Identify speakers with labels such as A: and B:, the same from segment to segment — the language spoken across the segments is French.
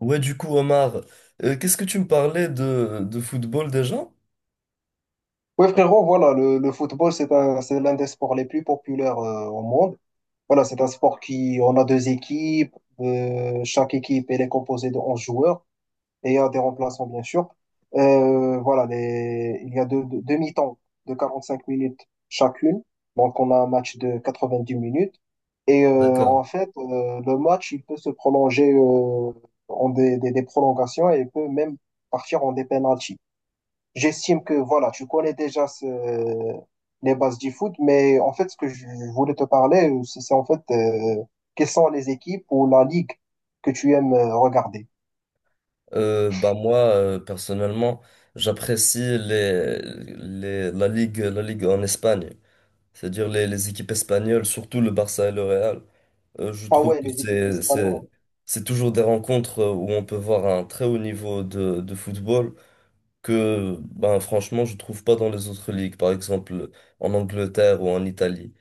A: Ouais, du coup, Omar, qu'est-ce que tu me parlais de football déjà?
B: Oui, frérot, voilà, le football, c'est l'un des sports les plus populaires au monde. Voilà, c'est un sport qui, on a deux équipes, chaque équipe, elle est composée de 11 joueurs, et il y a des remplaçants, bien sûr. Voilà, il y a deux mi-temps de 45 minutes chacune, donc on a un match de 90 minutes. Et
A: D'accord.
B: en fait, le match, il peut se prolonger en des prolongations, et il peut même partir en des pénaltys. J'estime que voilà, tu connais déjà les bases du foot, mais en fait, ce que je voulais te parler, c'est en fait quelles sont les équipes ou la ligue que tu aimes regarder.
A: Bah moi, personnellement, j'apprécie la ligue en Espagne, c'est-à-dire les équipes espagnoles, surtout le Barça et le Real. Je
B: Ah
A: trouve
B: ouais,
A: que
B: les équipes espagnoles.
A: c'est toujours des rencontres où on peut voir un très haut niveau de football que, ben, franchement, je trouve pas dans les autres ligues, par exemple en Angleterre ou en Italie.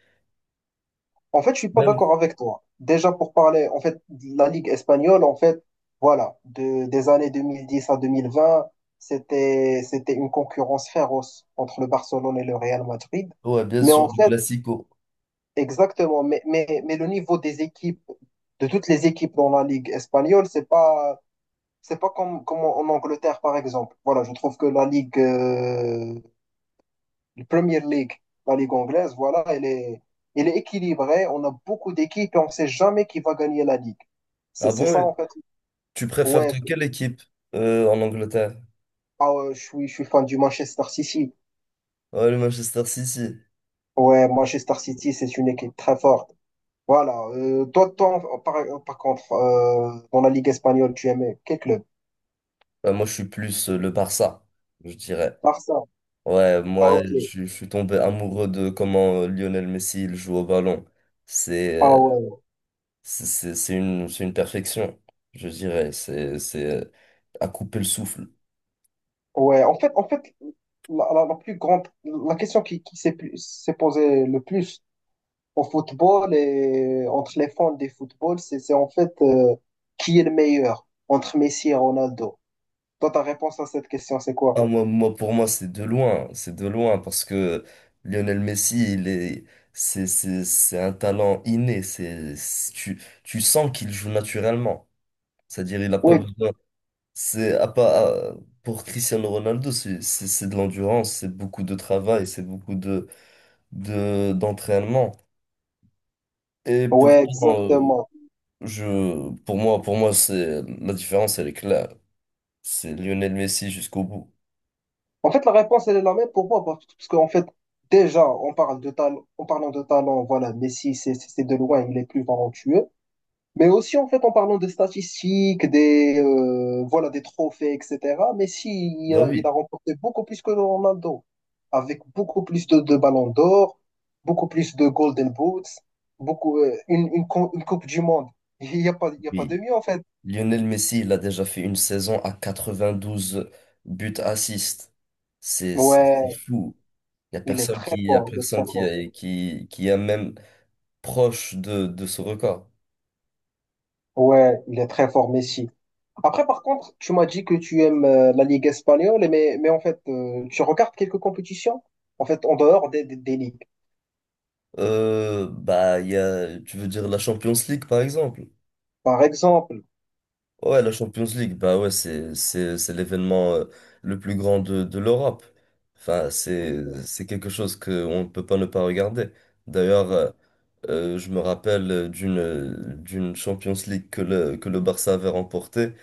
B: En fait, je suis pas
A: Même,
B: d'accord avec toi. Déjà pour parler, en fait, de la ligue espagnole, en fait, voilà, des années 2010 à 2020, c'était une concurrence féroce entre le Barcelone et le Real Madrid.
A: ouais, bien
B: Mais en
A: sûr, le
B: fait,
A: Classico.
B: exactement, mais le niveau des équipes, de toutes les équipes dans la Ligue espagnole, c'est pas comme, comme en Angleterre, par exemple. Voilà, je trouve que la Ligue, la Premier League, la Ligue anglaise, voilà, elle est équilibrée. On a beaucoup d'équipes et on sait jamais qui va gagner la Ligue. C'est,
A: Ah
B: c'est ça,
A: bon?
B: en fait.
A: Tu préfères
B: Ouais,
A: de quelle équipe en Angleterre?
B: ah ouais, je suis fan du Manchester City.
A: Ouais, le Manchester City.
B: Ouais, Manchester City, c'est une équipe très forte. Voilà, toi, par contre, dans la Ligue espagnole, tu aimais quel club?
A: Bah, moi, je suis plus le Barça, je dirais.
B: Barça.
A: Ouais,
B: Ah,
A: moi,
B: ok.
A: je suis tombé amoureux de comment Lionel Messi il joue au ballon. C'est
B: Ah,
A: euh,
B: ouais.
A: c'est une perfection, je dirais. C'est à couper le souffle.
B: Ouais. En fait, la question qui s'est posée le plus au football et entre les fans des football, c'est en fait qui est le meilleur entre Messi et Ronaldo. Toi, ta réponse à cette question, c'est
A: Ah,
B: quoi?
A: pour moi, c'est de loin. C'est de loin parce que Lionel Messi, il est, c'est un talent inné. Tu sens qu'il joue naturellement. C'est-à-dire, il n'a pas
B: Oui.
A: besoin. C'est à pas à- Pour Cristiano Ronaldo, c'est de l'endurance, c'est beaucoup de travail, c'est beaucoup de d'entraînement. Et
B: Ouais,
A: pourtant,
B: exactement.
A: pour moi, c'est la différence, elle est claire. C'est Lionel Messi jusqu'au bout.
B: En fait, la réponse, elle est la même pour moi, parce qu'en fait, déjà, on parle de talent, en parlant de talent, voilà, Messi, c'est de loin, il est plus talentueux. Mais aussi, en fait, en parlant de statistiques, voilà, des trophées, etc., Messi, il
A: Bah
B: a, il a
A: oui,
B: remporté beaucoup plus que Ronaldo, avec beaucoup plus de ballons d'or, beaucoup plus de Golden Boots, beaucoup, une Coupe du Monde. Il y a pas de
A: oui.
B: mieux, en fait.
A: Lionel Messi, il a déjà fait une saison à 92 buts assists. C'est c'est
B: Ouais,
A: c'est fou. Il y a
B: il est
A: personne
B: très
A: qui y a
B: fort, il est
A: personne
B: très fort.
A: qui est même proche de ce record.
B: Ouais, il est très fort, Messi. Après, par contre, tu m'as dit que tu aimes la Ligue espagnole, mais en fait, tu regardes quelques compétitions, en fait, en dehors des ligues.
A: Bah, tu veux dire la Champions League, par exemple?
B: Par exemple,
A: Ouais, la Champions League, bah ouais, c'est l'événement le plus grand de l'Europe. Enfin, c'est quelque chose qu'on ne peut pas ne pas regarder. D'ailleurs, je me rappelle d'une Champions League que le Barça avait remportée.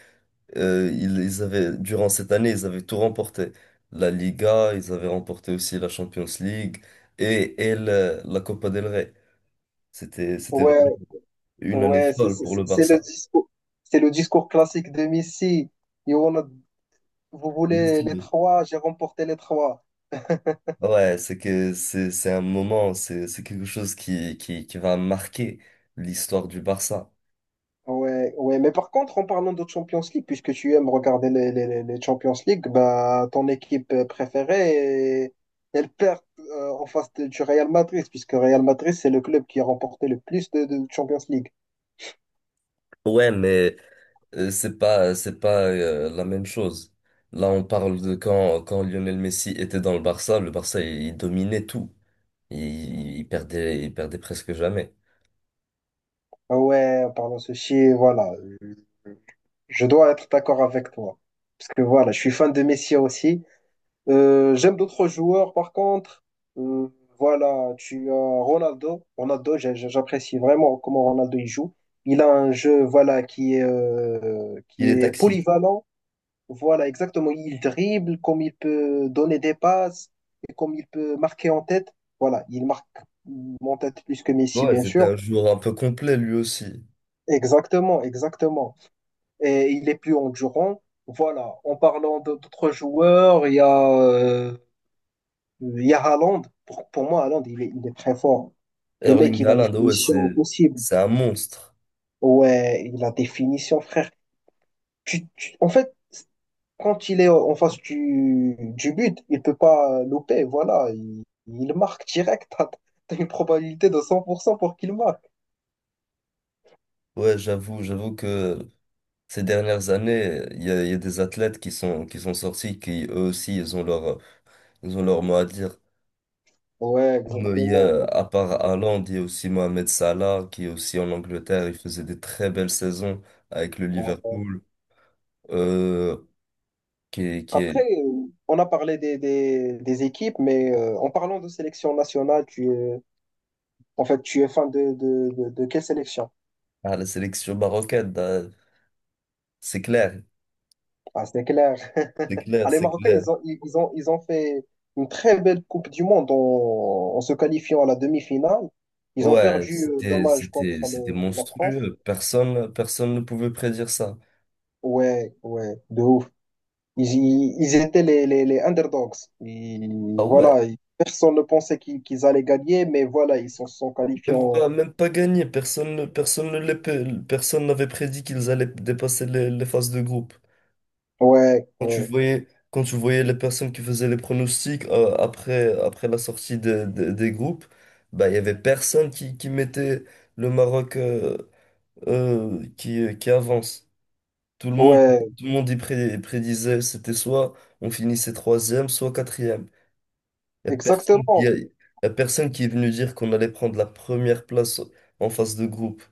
A: Ils avaient, durant cette année, ils avaient tout remporté. La Liga, ils avaient remporté aussi la Champions League et la Copa del Rey. C'était
B: ouais,
A: une année
B: ouais, c'est
A: folle
B: c'est-
A: pour
B: c'est-
A: le
B: c'est le
A: Barça.
B: discours, c'est le discours classique de Messi. Et vous
A: Bien
B: voulez les
A: sûr.
B: trois, j'ai remporté les trois.
A: Ouais, c'est un moment, c'est quelque chose qui va marquer l'histoire du Barça.
B: Ouais, ouais, mais par contre, en parlant de Champions League, puisque tu aimes regarder les Champions League, bah, ton équipe préférée, elle perd en face du Real Madrid, puisque Real Madrid, c'est le club qui a remporté le plus de Champions League.
A: Ouais, mais c'est pas la même chose. Là, on parle de quand Lionel Messi était dans le Barça il dominait tout. Il perdait presque jamais.
B: Ouais, en parlant de ceci, voilà. Je dois être d'accord avec toi. Parce que voilà, je suis fan de Messi aussi. J'aime d'autres joueurs, par contre. Euh, voilà, tu as Ronaldo. Ronaldo, j'apprécie vraiment comment Ronaldo il joue. Il a un jeu, voilà, qui est, euh, qui
A: Il est
B: est
A: toxique.
B: polyvalent. Voilà, exactement. Il dribble, comme il peut donner des passes, et comme il peut marquer en tête. Voilà, il marque en tête plus que Messi,
A: Ouais,
B: bien
A: c'était
B: sûr.
A: un joueur un peu complet lui aussi.
B: Exactement, exactement. Et il est plus endurant. Voilà, en parlant d'autres joueurs, il y a Haaland. Pour moi, Haaland, il est très fort. Le mec,
A: Erling
B: il a une
A: Haaland, ouais,
B: finition
A: c'est
B: impossible.
A: c'est un monstre.
B: Ouais, il a des finitions, frère. En fait, quand il est en face du but, il peut pas louper. Voilà, il marque direct. T'as une probabilité de 100% pour qu'il marque.
A: Ouais, j'avoue que ces dernières années, il y a des athlètes qui sont sortis, qui eux aussi, ils ont leur mot à dire.
B: Ouais,
A: Mais
B: exactement.
A: à part Haaland, il y a aussi Mohamed Salah, qui est aussi en Angleterre, il faisait des très belles saisons avec le
B: Ouais.
A: Liverpool, euh, qui
B: Après,
A: est
B: on a parlé des équipes, mais en parlant de sélection nationale, tu es fan de quelle sélection?
A: à la sélection marocaine. C'est clair,
B: Ah, c'est clair.
A: c'est clair,
B: Ah, les
A: c'est
B: Marocains,
A: clair.
B: ils ont fait une très belle Coupe du Monde en se qualifiant à la demi-finale. Ils ont
A: Ouais,
B: perdu, dommage, contre
A: c'était
B: la France.
A: monstrueux. Personne ne pouvait prédire ça.
B: Ouais, ouais, de ouf. Ils étaient les underdogs. Et
A: Ah ouais.
B: voilà, personne ne pensait qu'ils allaient gagner, mais voilà, ils se sont qualifiés en.
A: Même pas gagné. Personne ne les, pe- personne n'avait prédit qu'ils allaient dépasser les phases de groupe.
B: Ouais,
A: Quand tu
B: ouais,
A: voyais, quand tu voyais les personnes qui faisaient les pronostics après la sortie des groupes, bah, il y avait personne qui mettait le Maroc qui avance. Tout le monde,
B: ouais,
A: tout le monde y prédisait, c'était soit on finissait troisième, soit quatrième. Il n'y a personne qui
B: exactement,
A: a- y a personne qui est venu dire qu'on allait prendre la première place en phase de groupe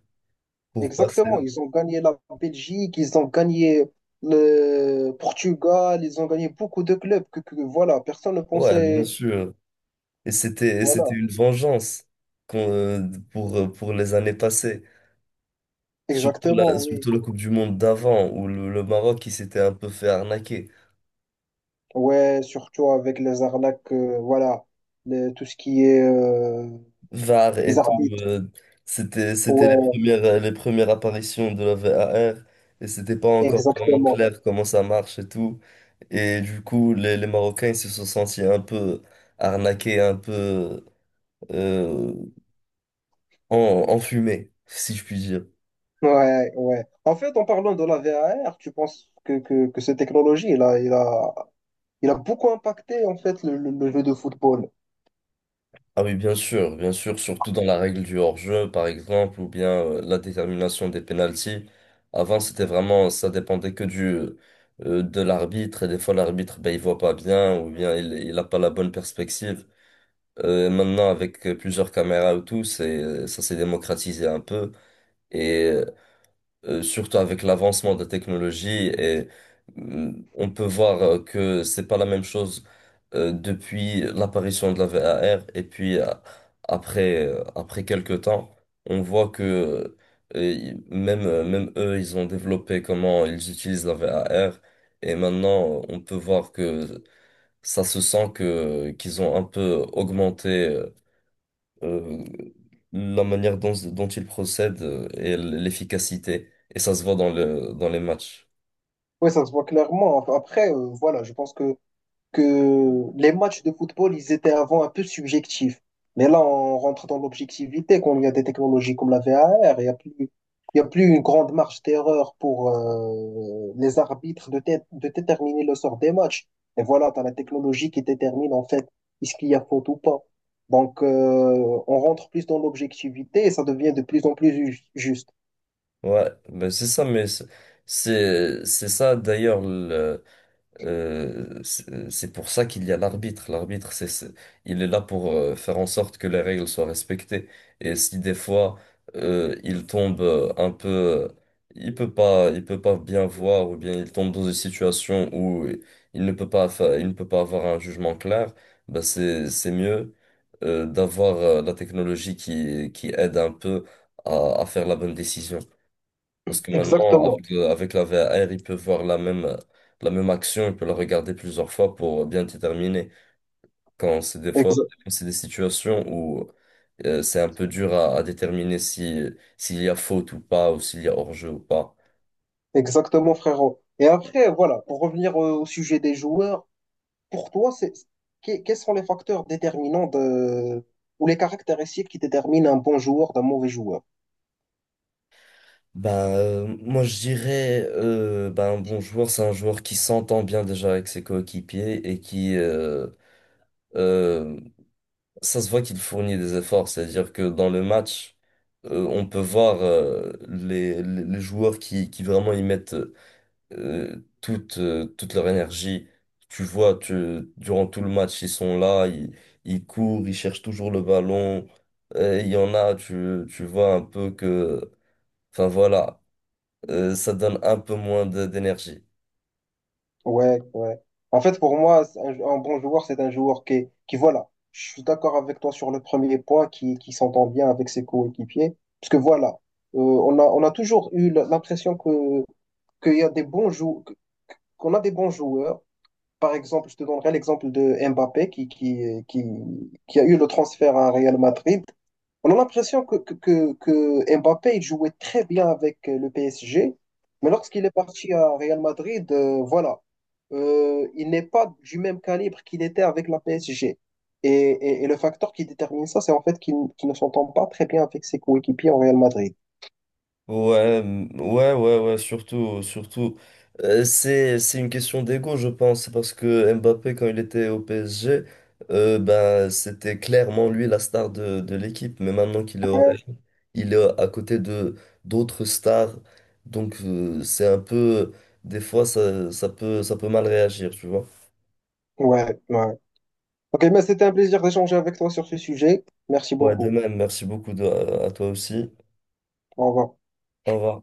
A: pour passer.
B: exactement. Ils ont gagné la Belgique, ils ont gagné le Portugal, ils ont gagné beaucoup de clubs que voilà, personne ne
A: Ouais, bien
B: pensait.
A: sûr. Et c'était
B: Voilà,
A: une vengeance qu'on- euh, pour les années passées. Surtout la,
B: exactement, oui.
A: surtout la Coupe du Monde d'avant, où le Maroc, il s'était un peu fait arnaquer.
B: Ouais, surtout avec les arnaques, voilà, tout ce qui est
A: VAR
B: les
A: et tout.
B: arbitres.
A: C'était les
B: Ouais,
A: premières, euh, les premières apparitions de la VAR, et c'était pas encore vraiment
B: exactement.
A: clair comment ça marche et tout. Et du coup, les Marocains, ils se sont sentis un peu arnaqués, un peu euh, enfumés, si je puis dire.
B: Ouais, ouais. En fait, en parlant de la VAR, tu penses que, cette technologie, il a beaucoup impacté en fait le jeu de football.
A: Ah oui, bien sûr, surtout dans la règle du hors-jeu, par exemple, ou bien la détermination des pénaltys. Avant, c'était vraiment, ça dépendait que de l'arbitre, et des fois, l'arbitre, ben, il voit pas bien, ou bien il a pas la bonne perspective. Maintenant, avec plusieurs caméras ou tout, ça s'est démocratisé un peu. Et surtout avec l'avancement de la technologie et on peut voir que c'est pas la même chose depuis l'apparition de la VAR et puis après quelques temps on voit que même eux ils ont développé comment ils utilisent la VAR et maintenant on peut voir que ça se sent que qu'ils ont un peu augmenté euh, la manière dont il procède et l'efficacité. Et ça se voit dans dans les matchs.
B: Ouais, ça se voit clairement. Enfin, après, voilà, je pense que les matchs de football, ils étaient avant un peu subjectifs. Mais là, on rentre dans l'objectivité quand il y a des technologies comme la VAR. Il n'y a plus, il y a plus une grande marge d'erreur pour les arbitres de déterminer le sort des matchs. Et voilà, tu as la technologie qui détermine en fait est-ce qu'il y a faute ou pas. Donc, on rentre plus dans l'objectivité et ça devient de plus en plus juste.
A: Ouais, ben c'est ça, mais c'est ça d'ailleurs. C'est pour ça qu'il y a l'arbitre. L'arbitre, il est là pour faire en sorte que les règles soient respectées. Et si des fois il tombe un peu, il peut pas bien voir, ou bien il tombe dans une situation où il ne peut pas avoir un jugement clair, bah c'est mieux d'avoir la technologie qui aide un peu à faire la bonne décision. Parce que maintenant,
B: Exactement.
A: avec la VAR, ils peuvent voir la même action, ils peuvent la regarder plusieurs fois pour bien déterminer. Quand c'est des fois,
B: Exa-
A: c'est des situations où c'est un peu dur à déterminer si, s'il y a faute ou pas, ou s'il y a hors-jeu ou pas.
B: exactement, frérot. Et après, voilà, pour revenir au sujet des joueurs, pour toi, quels sont les facteurs déterminants ou les caractéristiques qui déterminent un bon joueur d'un mauvais joueur?
A: Ben, moi, je dirais, ben, un bon joueur, c'est un joueur qui s'entend bien déjà avec ses coéquipiers. Euh, Ça se voit qu'il fournit des efforts, c'est-à-dire que dans le match, on peut voir les joueurs qui vraiment y mettent toute leur énergie. Tu vois, durant tout le match, ils sont là, ils courent, ils cherchent toujours le ballon. Il y en a, tu vois un peu que, enfin voilà, ça donne un peu moins d'énergie.
B: Ouais, ouais. En fait, pour moi, c'est un bon joueur, c'est un joueur qui, voilà, je suis d'accord avec toi sur le premier point, qui s'entend bien avec ses coéquipiers. Parce que voilà, on a toujours eu l'impression que, qu'il y a des bons jou- qu'on a des bons joueurs. Par exemple, je te donnerai l'exemple de Mbappé qui a eu le transfert à Real Madrid. On a l'impression que Mbappé il jouait très bien avec le PSG, mais lorsqu'il est parti à Real Madrid, voilà, il n'est pas du même calibre qu'il était avec la PSG. Et, et le facteur qui détermine ça, c'est en fait qu'il ne s'entend pas très bien avec ses coéquipiers en Real Madrid.
A: Ouais, mm, ouais, ouais, ouais, surtout, surtout. C'est une question d'ego, je pense, parce que Mbappé, quand il était au PSG, ben, c'était clairement lui la star de l'équipe. Mais maintenant qu'il est, ouais.
B: Ouais,
A: Il est à côté de d'autres stars, donc c'est un peu, des fois, ça peut mal réagir, tu vois.
B: ouais. Ouais. Ok, mais c'était un plaisir d'échanger avec toi sur ce sujet. Merci
A: Ouais, de
B: beaucoup.
A: même, merci beaucoup à toi aussi.
B: Au revoir.
A: Au revoir.